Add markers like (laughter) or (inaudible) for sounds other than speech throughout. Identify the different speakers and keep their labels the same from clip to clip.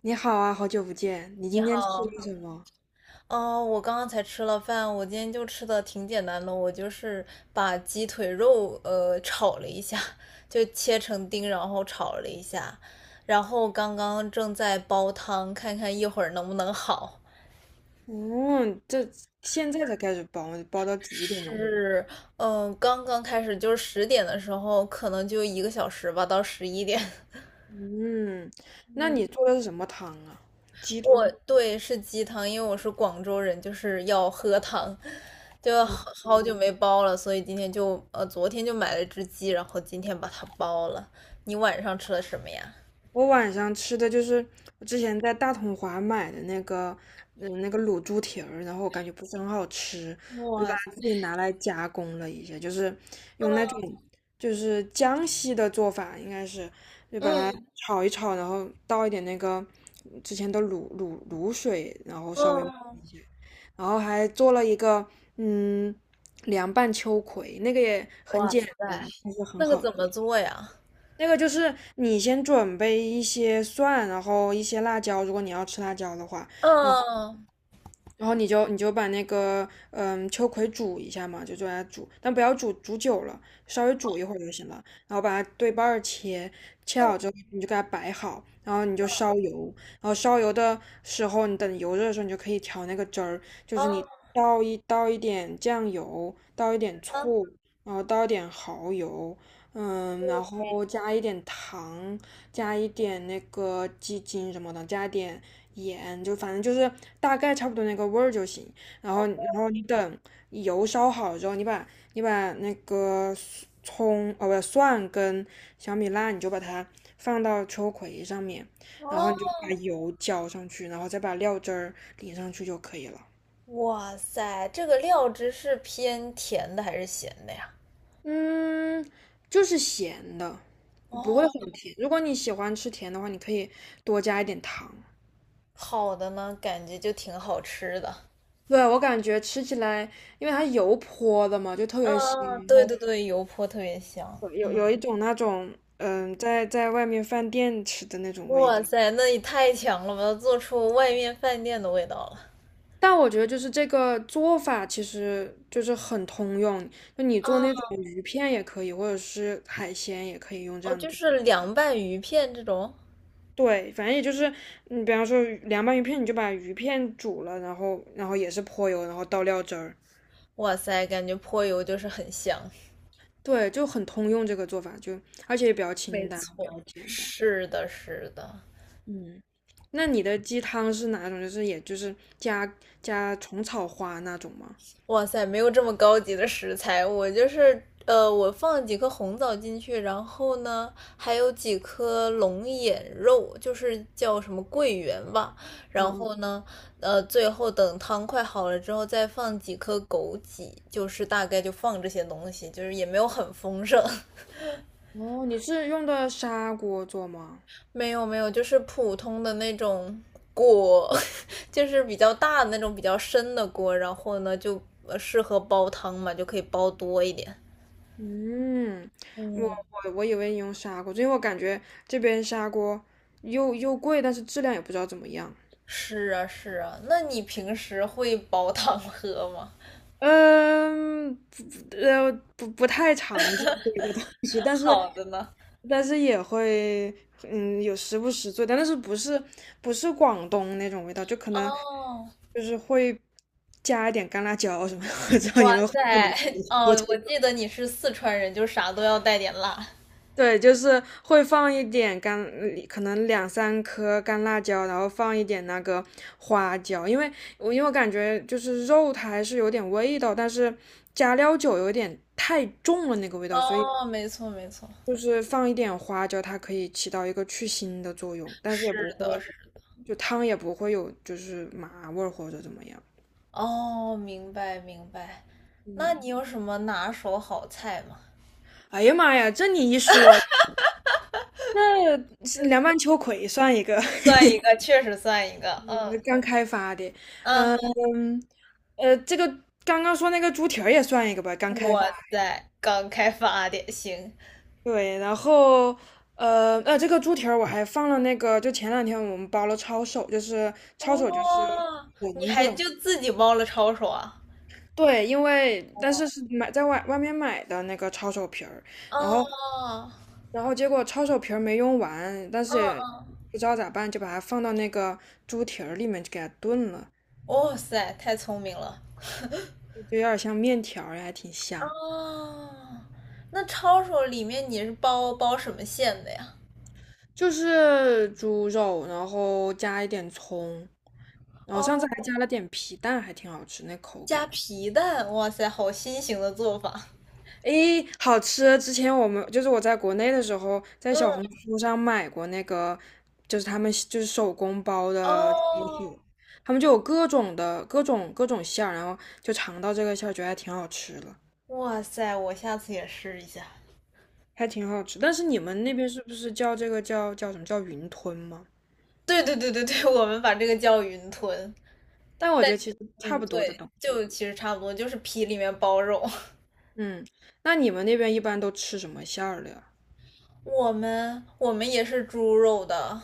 Speaker 1: 你好啊，好久不见，你
Speaker 2: 你
Speaker 1: 今天吃
Speaker 2: 好，
Speaker 1: 了什么？
Speaker 2: 哦，我刚刚才吃了饭，我今天就吃的挺简单的，我就是把鸡腿肉炒了一下，就切成丁，然后炒了一下，然后刚刚正在煲汤，看看一会儿能不能好。
Speaker 1: 嗯，这现在才开始包，煲到几点了？
Speaker 2: 是，刚刚开始就是10点的时候，可能就1个小时吧，到十一点。
Speaker 1: 嗯，那
Speaker 2: (laughs)
Speaker 1: 你做的是什么汤啊？鸡
Speaker 2: 我
Speaker 1: 汤。
Speaker 2: 对是鸡汤，因为我是广州人，就是要喝汤，就好好久没煲了，所以今天就呃昨天就买了只鸡，然后今天把它煲了。你晚上吃了什么呀？
Speaker 1: 我晚上吃的就是我之前在大统华买的那个，那个卤猪蹄儿，然后我感觉不是很好吃，我就把
Speaker 2: 哇塞，
Speaker 1: 它自己拿来加工了一下，就是用那种就是江西的做法，应该是就把它
Speaker 2: 嗯
Speaker 1: 炒一炒，然后倒一点那个之前的卤水，然后稍微焖
Speaker 2: 嗯，
Speaker 1: 一下，然后还做了一个嗯凉拌秋葵，那个也很
Speaker 2: 哇
Speaker 1: 简
Speaker 2: 塞，
Speaker 1: 单，但是很
Speaker 2: 那个
Speaker 1: 好。
Speaker 2: 怎么做呀？
Speaker 1: 那个就是你先准备一些蒜，然后一些辣椒，如果你要吃辣椒的话，然后。
Speaker 2: 嗯
Speaker 1: 然后你就把那个秋葵煮一下嘛，就来煮，但不要煮久了，稍微煮一会儿就行了。然后把它对半儿切，切
Speaker 2: 嗯
Speaker 1: 好之后你就给它摆好，然后你就烧油，然后烧油的时候，你等油热的时候，你就可以调那个汁儿，就是你
Speaker 2: 嗯
Speaker 1: 倒一点酱油，倒一点
Speaker 2: 嗯
Speaker 1: 醋，然后倒一点蚝油，然
Speaker 2: ，OK,
Speaker 1: 后加一点糖，加一点那个鸡精什么的，加一点盐，就反正就是大概差不多那个味儿就行。然
Speaker 2: 哦
Speaker 1: 后，然后你等油烧好之后，你把那个葱，哦不，蒜跟小米辣，你就把它放到秋葵上面，然后你就
Speaker 2: 哦，
Speaker 1: 把油浇上去，然后再把料汁儿淋上去就可以了。
Speaker 2: 哇塞，这个料汁是偏甜的还是咸的呀？
Speaker 1: 嗯，就是咸的，不会
Speaker 2: 哦，
Speaker 1: 很甜。如果你喜欢吃甜的话，你可以多加一点糖。
Speaker 2: 好的呢，感觉就挺好吃的。
Speaker 1: 对，我感觉吃起来，因为它油泼的嘛，就特别香。
Speaker 2: 嗯，对对对，油泼特别香。
Speaker 1: 有
Speaker 2: 嗯，
Speaker 1: 有有一种那种在外面饭店吃的那种味
Speaker 2: 哇
Speaker 1: 道。
Speaker 2: 塞，那也太强了吧，做出外面饭店的味道了。
Speaker 1: 但我觉得就是这个做法其实就是很通用，就你做那
Speaker 2: 啊，
Speaker 1: 种鱼片也可以，或者是海鲜也可以用这
Speaker 2: 哦，
Speaker 1: 样
Speaker 2: 就
Speaker 1: 做。
Speaker 2: 是凉拌鱼片这种，
Speaker 1: 对，反正也就是你比方说凉拌鱼片，你就把鱼片煮了，然后也是泼油，然后倒料汁儿。
Speaker 2: 哇塞，感觉泼油就是很香。
Speaker 1: 对，就很通用这个做法，就而且也比较
Speaker 2: 没
Speaker 1: 清淡，比
Speaker 2: 错，
Speaker 1: 较简单。
Speaker 2: 是的，是的。
Speaker 1: 嗯，那你的鸡汤是哪种？就是也就是加虫草花那种吗？
Speaker 2: 哇塞，没有这么高级的食材，我就是我放了几颗红枣进去，然后呢，还有几颗龙眼肉，就是叫什么桂圆吧。然
Speaker 1: 嗯
Speaker 2: 后呢，最后等汤快好了之后，再放几颗枸杞，就是大概就放这些东西，就是也没有很丰盛，
Speaker 1: 哦，你是用的砂锅做吗？
Speaker 2: (laughs) 没有没有，就是普通的那种锅，(laughs) 就是比较大的那种比较深的锅，然后呢就适合煲汤嘛，就可以煲多一点。
Speaker 1: 嗯，我
Speaker 2: 嗯，
Speaker 1: 我以为你用砂锅做，因为我感觉这边砂锅又贵，但是质量也不知道怎么样。
Speaker 2: 是啊，是啊，那你平时会煲汤喝吗？(laughs)
Speaker 1: 嗯，不不呃不太常做这个东西，但是
Speaker 2: 好的呢。
Speaker 1: 但是也会有时不时做，但是不是广东那种味道，就可能
Speaker 2: 哦，
Speaker 1: 就是会加一点干辣椒什么的，(laughs) 我知道你
Speaker 2: 哇
Speaker 1: 们会不能
Speaker 2: 塞，(laughs)
Speaker 1: 接受
Speaker 2: 哦，我记得你是四川人，就啥都要带点辣。
Speaker 1: 对，就是会放一点干，可能两三颗干辣椒，然后放一点那个花椒，因为我感觉就是肉它还是有点味道，但是加料酒有点太重了那个味道，所以
Speaker 2: 哦，没错，没错，
Speaker 1: 就是放一点花椒，它可以起到一个去腥的作用，但是也
Speaker 2: 是
Speaker 1: 不
Speaker 2: 的，
Speaker 1: 会，
Speaker 2: 是的，
Speaker 1: 就汤也不会有就是麻味儿或者怎么样。
Speaker 2: 哦，明白，明白。那
Speaker 1: 嗯，
Speaker 2: 你有什么拿手好菜吗？
Speaker 1: 哎呀妈呀，这你一说，那凉拌秋葵算一个。(laughs)
Speaker 2: 算一个，确实算一个。嗯
Speaker 1: 刚开发的，
Speaker 2: 嗯，
Speaker 1: 嗯，这个刚刚说那个猪蹄儿也算一个吧，刚开发。
Speaker 2: 哇塞，刚开发的，行。
Speaker 1: 对，然后这个猪蹄儿我还放了那个，就前两天我们包了抄手，就是抄手就是
Speaker 2: 哦，你
Speaker 1: 馄
Speaker 2: 还
Speaker 1: 饨。
Speaker 2: 就自己煲了抄手啊？
Speaker 1: 对，因为但是
Speaker 2: 哦，
Speaker 1: 是买在外面买的那个抄手皮儿，然后
Speaker 2: 哦，
Speaker 1: 然后结果抄手皮儿没用完，但是也
Speaker 2: 啊。
Speaker 1: 不知道咋办，就把它放到那个猪蹄儿里面就给它炖了，
Speaker 2: 哇塞，太聪明了
Speaker 1: 就有点像面条儿还挺
Speaker 2: 啊！
Speaker 1: 香。
Speaker 2: 那抄手里面你是包什么馅的呀？
Speaker 1: 就是猪肉，然后加一点葱，然后上次
Speaker 2: 哦，
Speaker 1: 还加了点皮蛋，还挺好吃，那口
Speaker 2: 加
Speaker 1: 感，
Speaker 2: 皮蛋，哇塞，好新型的做法。
Speaker 1: 诶，好吃！之前我们就是我在国内的时候，在小
Speaker 2: 嗯，
Speaker 1: 红书上买过那个，就是他们就是手工包的猪
Speaker 2: 哦，
Speaker 1: 手，他们就有各种的各种各种馅儿，然后就尝到这个馅儿，觉得还挺好吃的，
Speaker 2: 哇塞，我下次也试一下。
Speaker 1: 还挺好吃。但是你们那边是不是叫这个叫什么叫云吞吗？
Speaker 2: 对对对对对，我们把这个叫云吞。
Speaker 1: 但我觉得其实差
Speaker 2: 嗯，
Speaker 1: 不多的
Speaker 2: 对，
Speaker 1: 东
Speaker 2: 就
Speaker 1: 西。
Speaker 2: 其实差不多，就是皮里面包肉。
Speaker 1: 嗯，那你们那边一般都吃什么馅儿的呀？
Speaker 2: 我们也是猪肉的，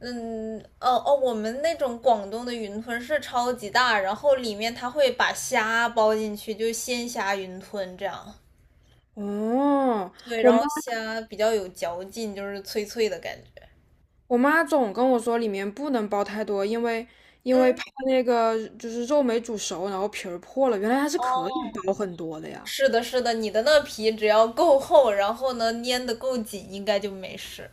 Speaker 2: 嗯，哦哦，我们那种广东的云吞是超级大，然后里面它会把虾包进去，就鲜虾云吞这样。
Speaker 1: 哦，
Speaker 2: 对，
Speaker 1: 我
Speaker 2: 然
Speaker 1: 妈
Speaker 2: 后虾比较有嚼劲，就是脆脆的感觉。
Speaker 1: 我妈总跟我说里面不能包太多，因为因
Speaker 2: 嗯，
Speaker 1: 为怕那个就是肉没煮熟，然后皮儿破了。原来还是可以
Speaker 2: 哦，
Speaker 1: 包很多的呀。
Speaker 2: 是的，是的，你的那皮只要够厚，然后呢粘得够紧，应该就没事。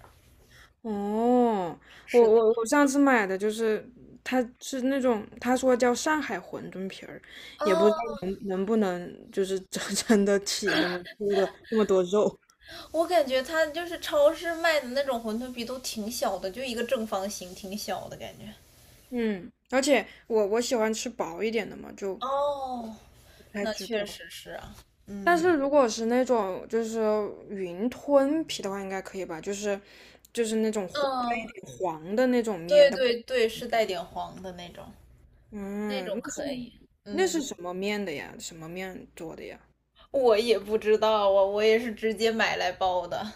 Speaker 1: 哦，我
Speaker 2: 是的。
Speaker 1: 我我上次买的就是，它是那种他说叫上海馄饨皮儿，
Speaker 2: 哦，
Speaker 1: 也不知道能不能就是 (laughs) 真的起那么多肉。
Speaker 2: 我感觉它就是超市卖的那种馄饨皮都挺小的，就一个正方形，挺小的感觉。
Speaker 1: 嗯，而且我喜欢吃薄一点的嘛，就
Speaker 2: 哦，
Speaker 1: 不太
Speaker 2: 那
Speaker 1: 知
Speaker 2: 确
Speaker 1: 道。
Speaker 2: 实是啊，
Speaker 1: 但
Speaker 2: 嗯
Speaker 1: 是如果是那种就是云吞皮的话，应该可以吧？就是那种黄带
Speaker 2: 嗯，
Speaker 1: 一点黄的那种面
Speaker 2: 对
Speaker 1: 的，
Speaker 2: 对对，是带点黄的那种，那
Speaker 1: 嗯，
Speaker 2: 种
Speaker 1: 那是
Speaker 2: 可以。
Speaker 1: 那是
Speaker 2: 嗯，
Speaker 1: 什么面的呀？什么面做的呀？
Speaker 2: 我也不知道啊，我也是直接买来包的。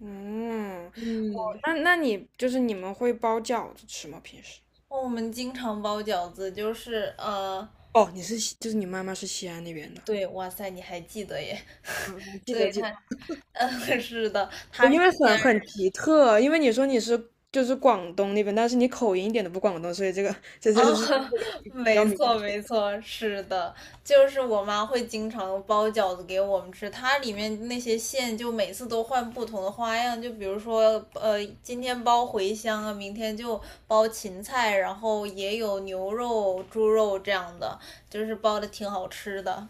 Speaker 1: 嗯，
Speaker 2: (laughs) 嗯，
Speaker 1: 那那你就是你们会包饺子吃吗？平时？
Speaker 2: 我们经常包饺子，就是
Speaker 1: 哦，你是就是你妈妈是西安那边的，
Speaker 2: 对，哇塞，你还记得耶？
Speaker 1: 嗯，嗯
Speaker 2: (laughs)
Speaker 1: 记得
Speaker 2: 对，
Speaker 1: 记得，
Speaker 2: 他，(laughs) 嗯，是的，
Speaker 1: 我
Speaker 2: 他
Speaker 1: 因
Speaker 2: 是
Speaker 1: 为很
Speaker 2: 先，
Speaker 1: 很奇特，因为你说你是就是广东那边，但是你口音一点都不广东，所以这个这这
Speaker 2: 啊，
Speaker 1: 是这
Speaker 2: (laughs)
Speaker 1: 个比较
Speaker 2: 没
Speaker 1: 明。
Speaker 2: 错，没错，是的，就是我妈会经常包饺子给我们吃，它里面那些馅就每次都换不同的花样，就比如说，今天包茴香啊，明天就包芹菜，然后也有牛肉、猪肉这样的，就是包的挺好吃的。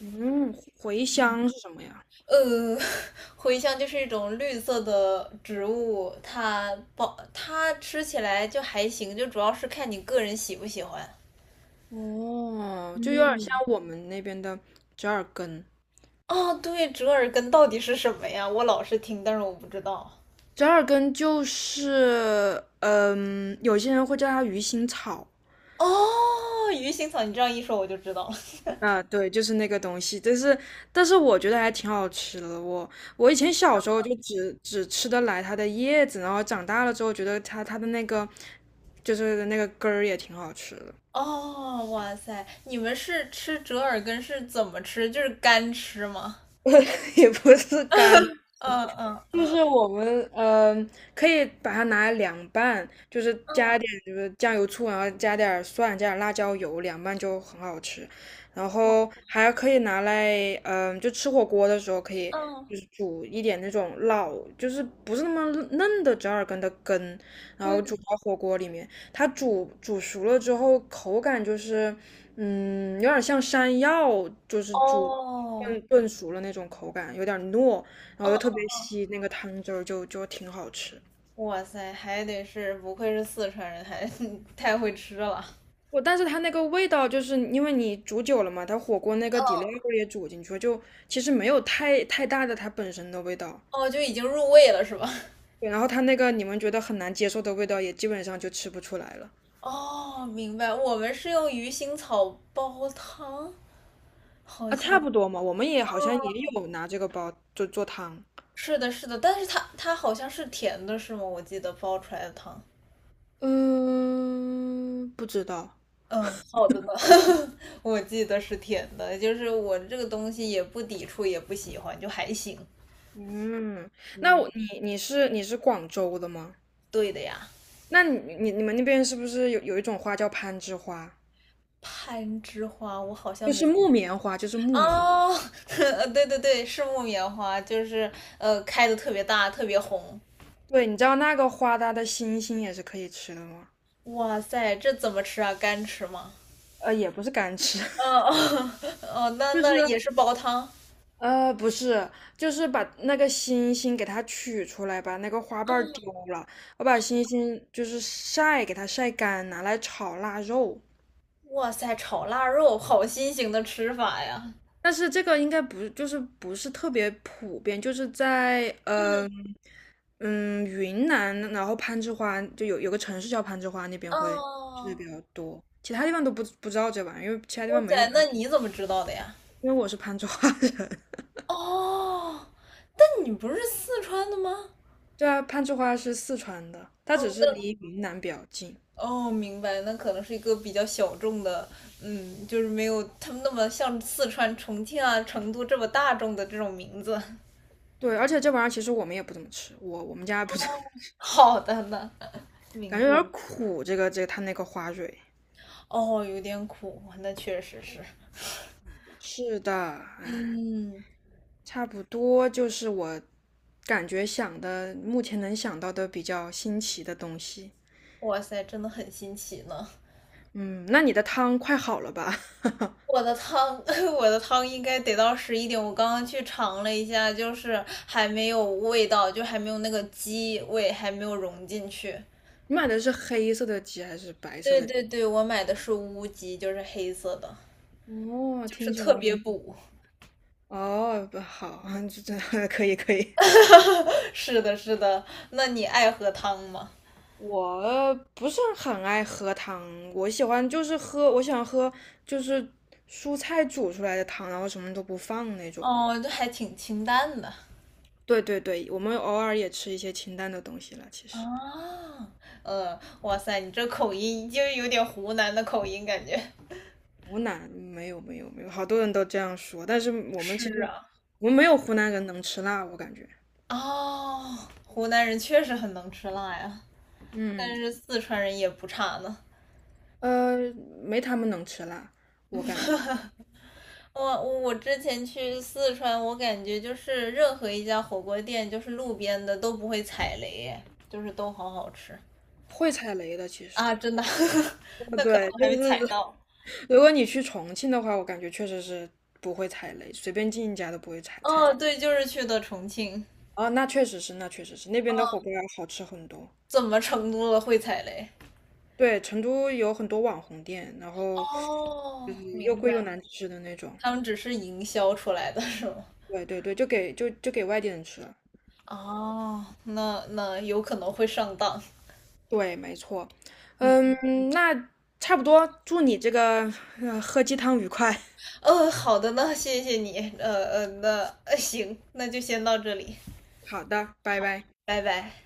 Speaker 1: 嗯，茴香是什么呀？
Speaker 2: 呃，(laughs) 茴香就是一种绿色的植物，它包它吃起来就还行，就主要是看你个人喜不喜欢。
Speaker 1: 哦，就有点像
Speaker 2: 嗯，
Speaker 1: 我们那边的折耳根。
Speaker 2: 哦，对，折耳根到底是什么呀？我老是听，但是我不知道。
Speaker 1: 折耳根就是，有些人会叫它鱼腥草。
Speaker 2: 哦，鱼腥草，你这样一说我就知道了。
Speaker 1: 啊，对，就是那个东西，但是我觉得还挺好吃的。我以前小时候就只吃得来它的叶子，然后长大了之后觉得它的那个就是那个根儿也挺好吃的，
Speaker 2: 哦，哇塞，你们是吃折耳根是怎么吃？就是干吃吗？
Speaker 1: (laughs) 也不是干。
Speaker 2: 嗯嗯
Speaker 1: 就是我们可以把它拿来凉拌，就是加
Speaker 2: 嗯
Speaker 1: 一点就是酱油醋，然后加点儿蒜，加点儿辣椒油，凉拌就很好吃。然
Speaker 2: 嗯
Speaker 1: 后还可以拿来，就吃火锅的时候可以，就是煮一点那种老，就是不是那么嫩的折耳根的根，然
Speaker 2: 嗯
Speaker 1: 后
Speaker 2: 嗯，
Speaker 1: 煮到火锅里面。它煮熟了之后，口感就是，有点像山药，就是煮炖
Speaker 2: 哦，
Speaker 1: 炖熟了那种口感，有点糯。然后
Speaker 2: 嗯嗯
Speaker 1: 又特别
Speaker 2: 嗯，
Speaker 1: 稀，那个汤汁儿就挺好吃。
Speaker 2: 哇塞，还得是不愧是四川人，还 (laughs) 太会吃了。
Speaker 1: 我但是它那个味道，就是因为你煮久了嘛，它火锅那个底料
Speaker 2: 嗯，
Speaker 1: 也煮进去了，就其实没有太大的它本身的味道。
Speaker 2: 哦，就已经入味了是吧？
Speaker 1: 对，然后它那个你们觉得很难接受的味道，也基本上就吃不出来了
Speaker 2: 哦，明白，我们是用鱼腥草煲汤，好
Speaker 1: 啊，
Speaker 2: 像。
Speaker 1: 差不多嘛。我们也好像也
Speaker 2: 哦，
Speaker 1: 有拿这个包就做汤，
Speaker 2: 是的，是的，但是它好像是甜的，是吗？我记得煲出来的汤。
Speaker 1: 嗯，不知道。
Speaker 2: 嗯，好的呢 (laughs)，我记得是甜的，就是我这个东西也不抵触，也不喜欢，就还行。
Speaker 1: 嗯，那
Speaker 2: 嗯，
Speaker 1: 你是广州的吗？
Speaker 2: 对的呀。
Speaker 1: 那你们那边是不是有一种花叫攀枝花？
Speaker 2: 攀枝花，我好像
Speaker 1: 就
Speaker 2: 没，
Speaker 1: 是木棉花，就是木棉花
Speaker 2: 哦 (laughs)，对对对，是木棉花，就是开的特别大，特别红。
Speaker 1: 对，你知道那个花它的心心也是可以吃的吗？
Speaker 2: 哇塞，这怎么吃啊？干吃吗？
Speaker 1: 也不是干吃，
Speaker 2: 嗯，哦 (laughs) 哦，那
Speaker 1: (laughs) 就是
Speaker 2: 那也是煲汤。
Speaker 1: 不是，就是把那个心心给它取出来，把那个花瓣儿丢了，我把心心就是晒，给它晒干，拿来炒腊肉。
Speaker 2: 哇塞，炒腊肉，好新型的吃法呀。
Speaker 1: 但是这个应该不就是不是特别普遍，就是在
Speaker 2: 嗯，
Speaker 1: 云南，然后攀枝花就有个城市叫攀枝花，那边会吃的
Speaker 2: 哦，
Speaker 1: 比较多，其他地方都不知道这玩意儿，因为其他地
Speaker 2: 哇
Speaker 1: 方没有
Speaker 2: 塞，那
Speaker 1: 攀，
Speaker 2: 你怎么知道的呀？
Speaker 1: 因为我是攀枝花人。(laughs)
Speaker 2: 哦，那你不是四川的吗？
Speaker 1: 对啊，攀枝花是四川的，它
Speaker 2: 哦，
Speaker 1: 只是
Speaker 2: 那，
Speaker 1: 离云南比较近。
Speaker 2: 哦，明白，那可能是一个比较小众的，嗯，就是没有他们那么像四川、重庆啊、成都这么大众的这种名字。(laughs)
Speaker 1: 对，而且这玩意儿其实我们也不怎么吃，我们家不怎么，
Speaker 2: 好的呢，
Speaker 1: 感
Speaker 2: 明
Speaker 1: 觉有
Speaker 2: 白。
Speaker 1: 点苦，这个它那个花蕊。
Speaker 2: 哦，有点苦，那确实是。
Speaker 1: 是的，哎。
Speaker 2: 嗯，
Speaker 1: 差不多就是我感觉想的，目前能想到的比较新奇的东西。
Speaker 2: 哇塞，真的很新奇呢。
Speaker 1: 嗯，那你的汤快好了吧？(laughs)
Speaker 2: 我的汤，(laughs) 我的汤应该得到11点。我刚刚去尝了一下，就是还没有味道，就还没有那个鸡味，还没有融进去。
Speaker 1: 你买的是黑色的鸡还是白色
Speaker 2: 对
Speaker 1: 的鸡
Speaker 2: 对对，我买的是乌鸡，就是黑色的，
Speaker 1: 哦，
Speaker 2: 就是
Speaker 1: 听起来
Speaker 2: 特别补。
Speaker 1: 哦，不好，(laughs) 这可以可以。
Speaker 2: (laughs) 是的，是的。那你爱喝汤吗？
Speaker 1: 我不是很爱喝汤，我喜欢就是喝，我喜欢喝就是蔬菜煮出来的汤，然后什么都不放那种。
Speaker 2: 哦，就还挺清淡的
Speaker 1: 对对对，我们偶尔也吃一些清淡的东西了，其实。
Speaker 2: 啊。哇塞，你这口音就有点湖南的口音感觉。
Speaker 1: 湖南没有没有没有，好多人都这样说，但是我们其实
Speaker 2: 是啊。
Speaker 1: 我们没有湖南人能吃辣，我感觉，
Speaker 2: 哦，湖南人确实很能吃辣呀。但
Speaker 1: 嗯，
Speaker 2: 是四川人也不差呢。
Speaker 1: 呃，没他们能吃辣，我感觉
Speaker 2: 我之前去四川，我感觉就是任何一家火锅店，就是路边的都不会踩雷，就是都好好吃
Speaker 1: 会踩雷的，其
Speaker 2: 啊！
Speaker 1: 实，
Speaker 2: 真的，(laughs) 那可能
Speaker 1: 对，
Speaker 2: 我
Speaker 1: 就
Speaker 2: 还没踩
Speaker 1: 是
Speaker 2: 到。
Speaker 1: 如果你去重庆的话，我感觉确实是不会踩雷，随便进一家都不会踩
Speaker 2: 哦，
Speaker 1: 雷。
Speaker 2: 对，就是去的重庆，
Speaker 1: 啊，那确实是，那确实是，那边的火锅要好吃很多。
Speaker 2: 怎么成都了会踩雷？
Speaker 1: 对，成都有很多网红店，然后就
Speaker 2: 哦，
Speaker 1: 是又
Speaker 2: 明
Speaker 1: 贵又
Speaker 2: 白，
Speaker 1: 难吃的那种。
Speaker 2: 他们只是营销出来的是吗？
Speaker 1: 对对对，就给外地人吃了。
Speaker 2: 哦，那有可能会上当。
Speaker 1: 对，没错。嗯，
Speaker 2: 嗯，
Speaker 1: 那差不多，祝你这个，喝鸡汤愉快。
Speaker 2: 哦好的呢，谢谢你。那行，那就先到这里。
Speaker 1: (laughs) 好的，拜拜。
Speaker 2: 拜拜。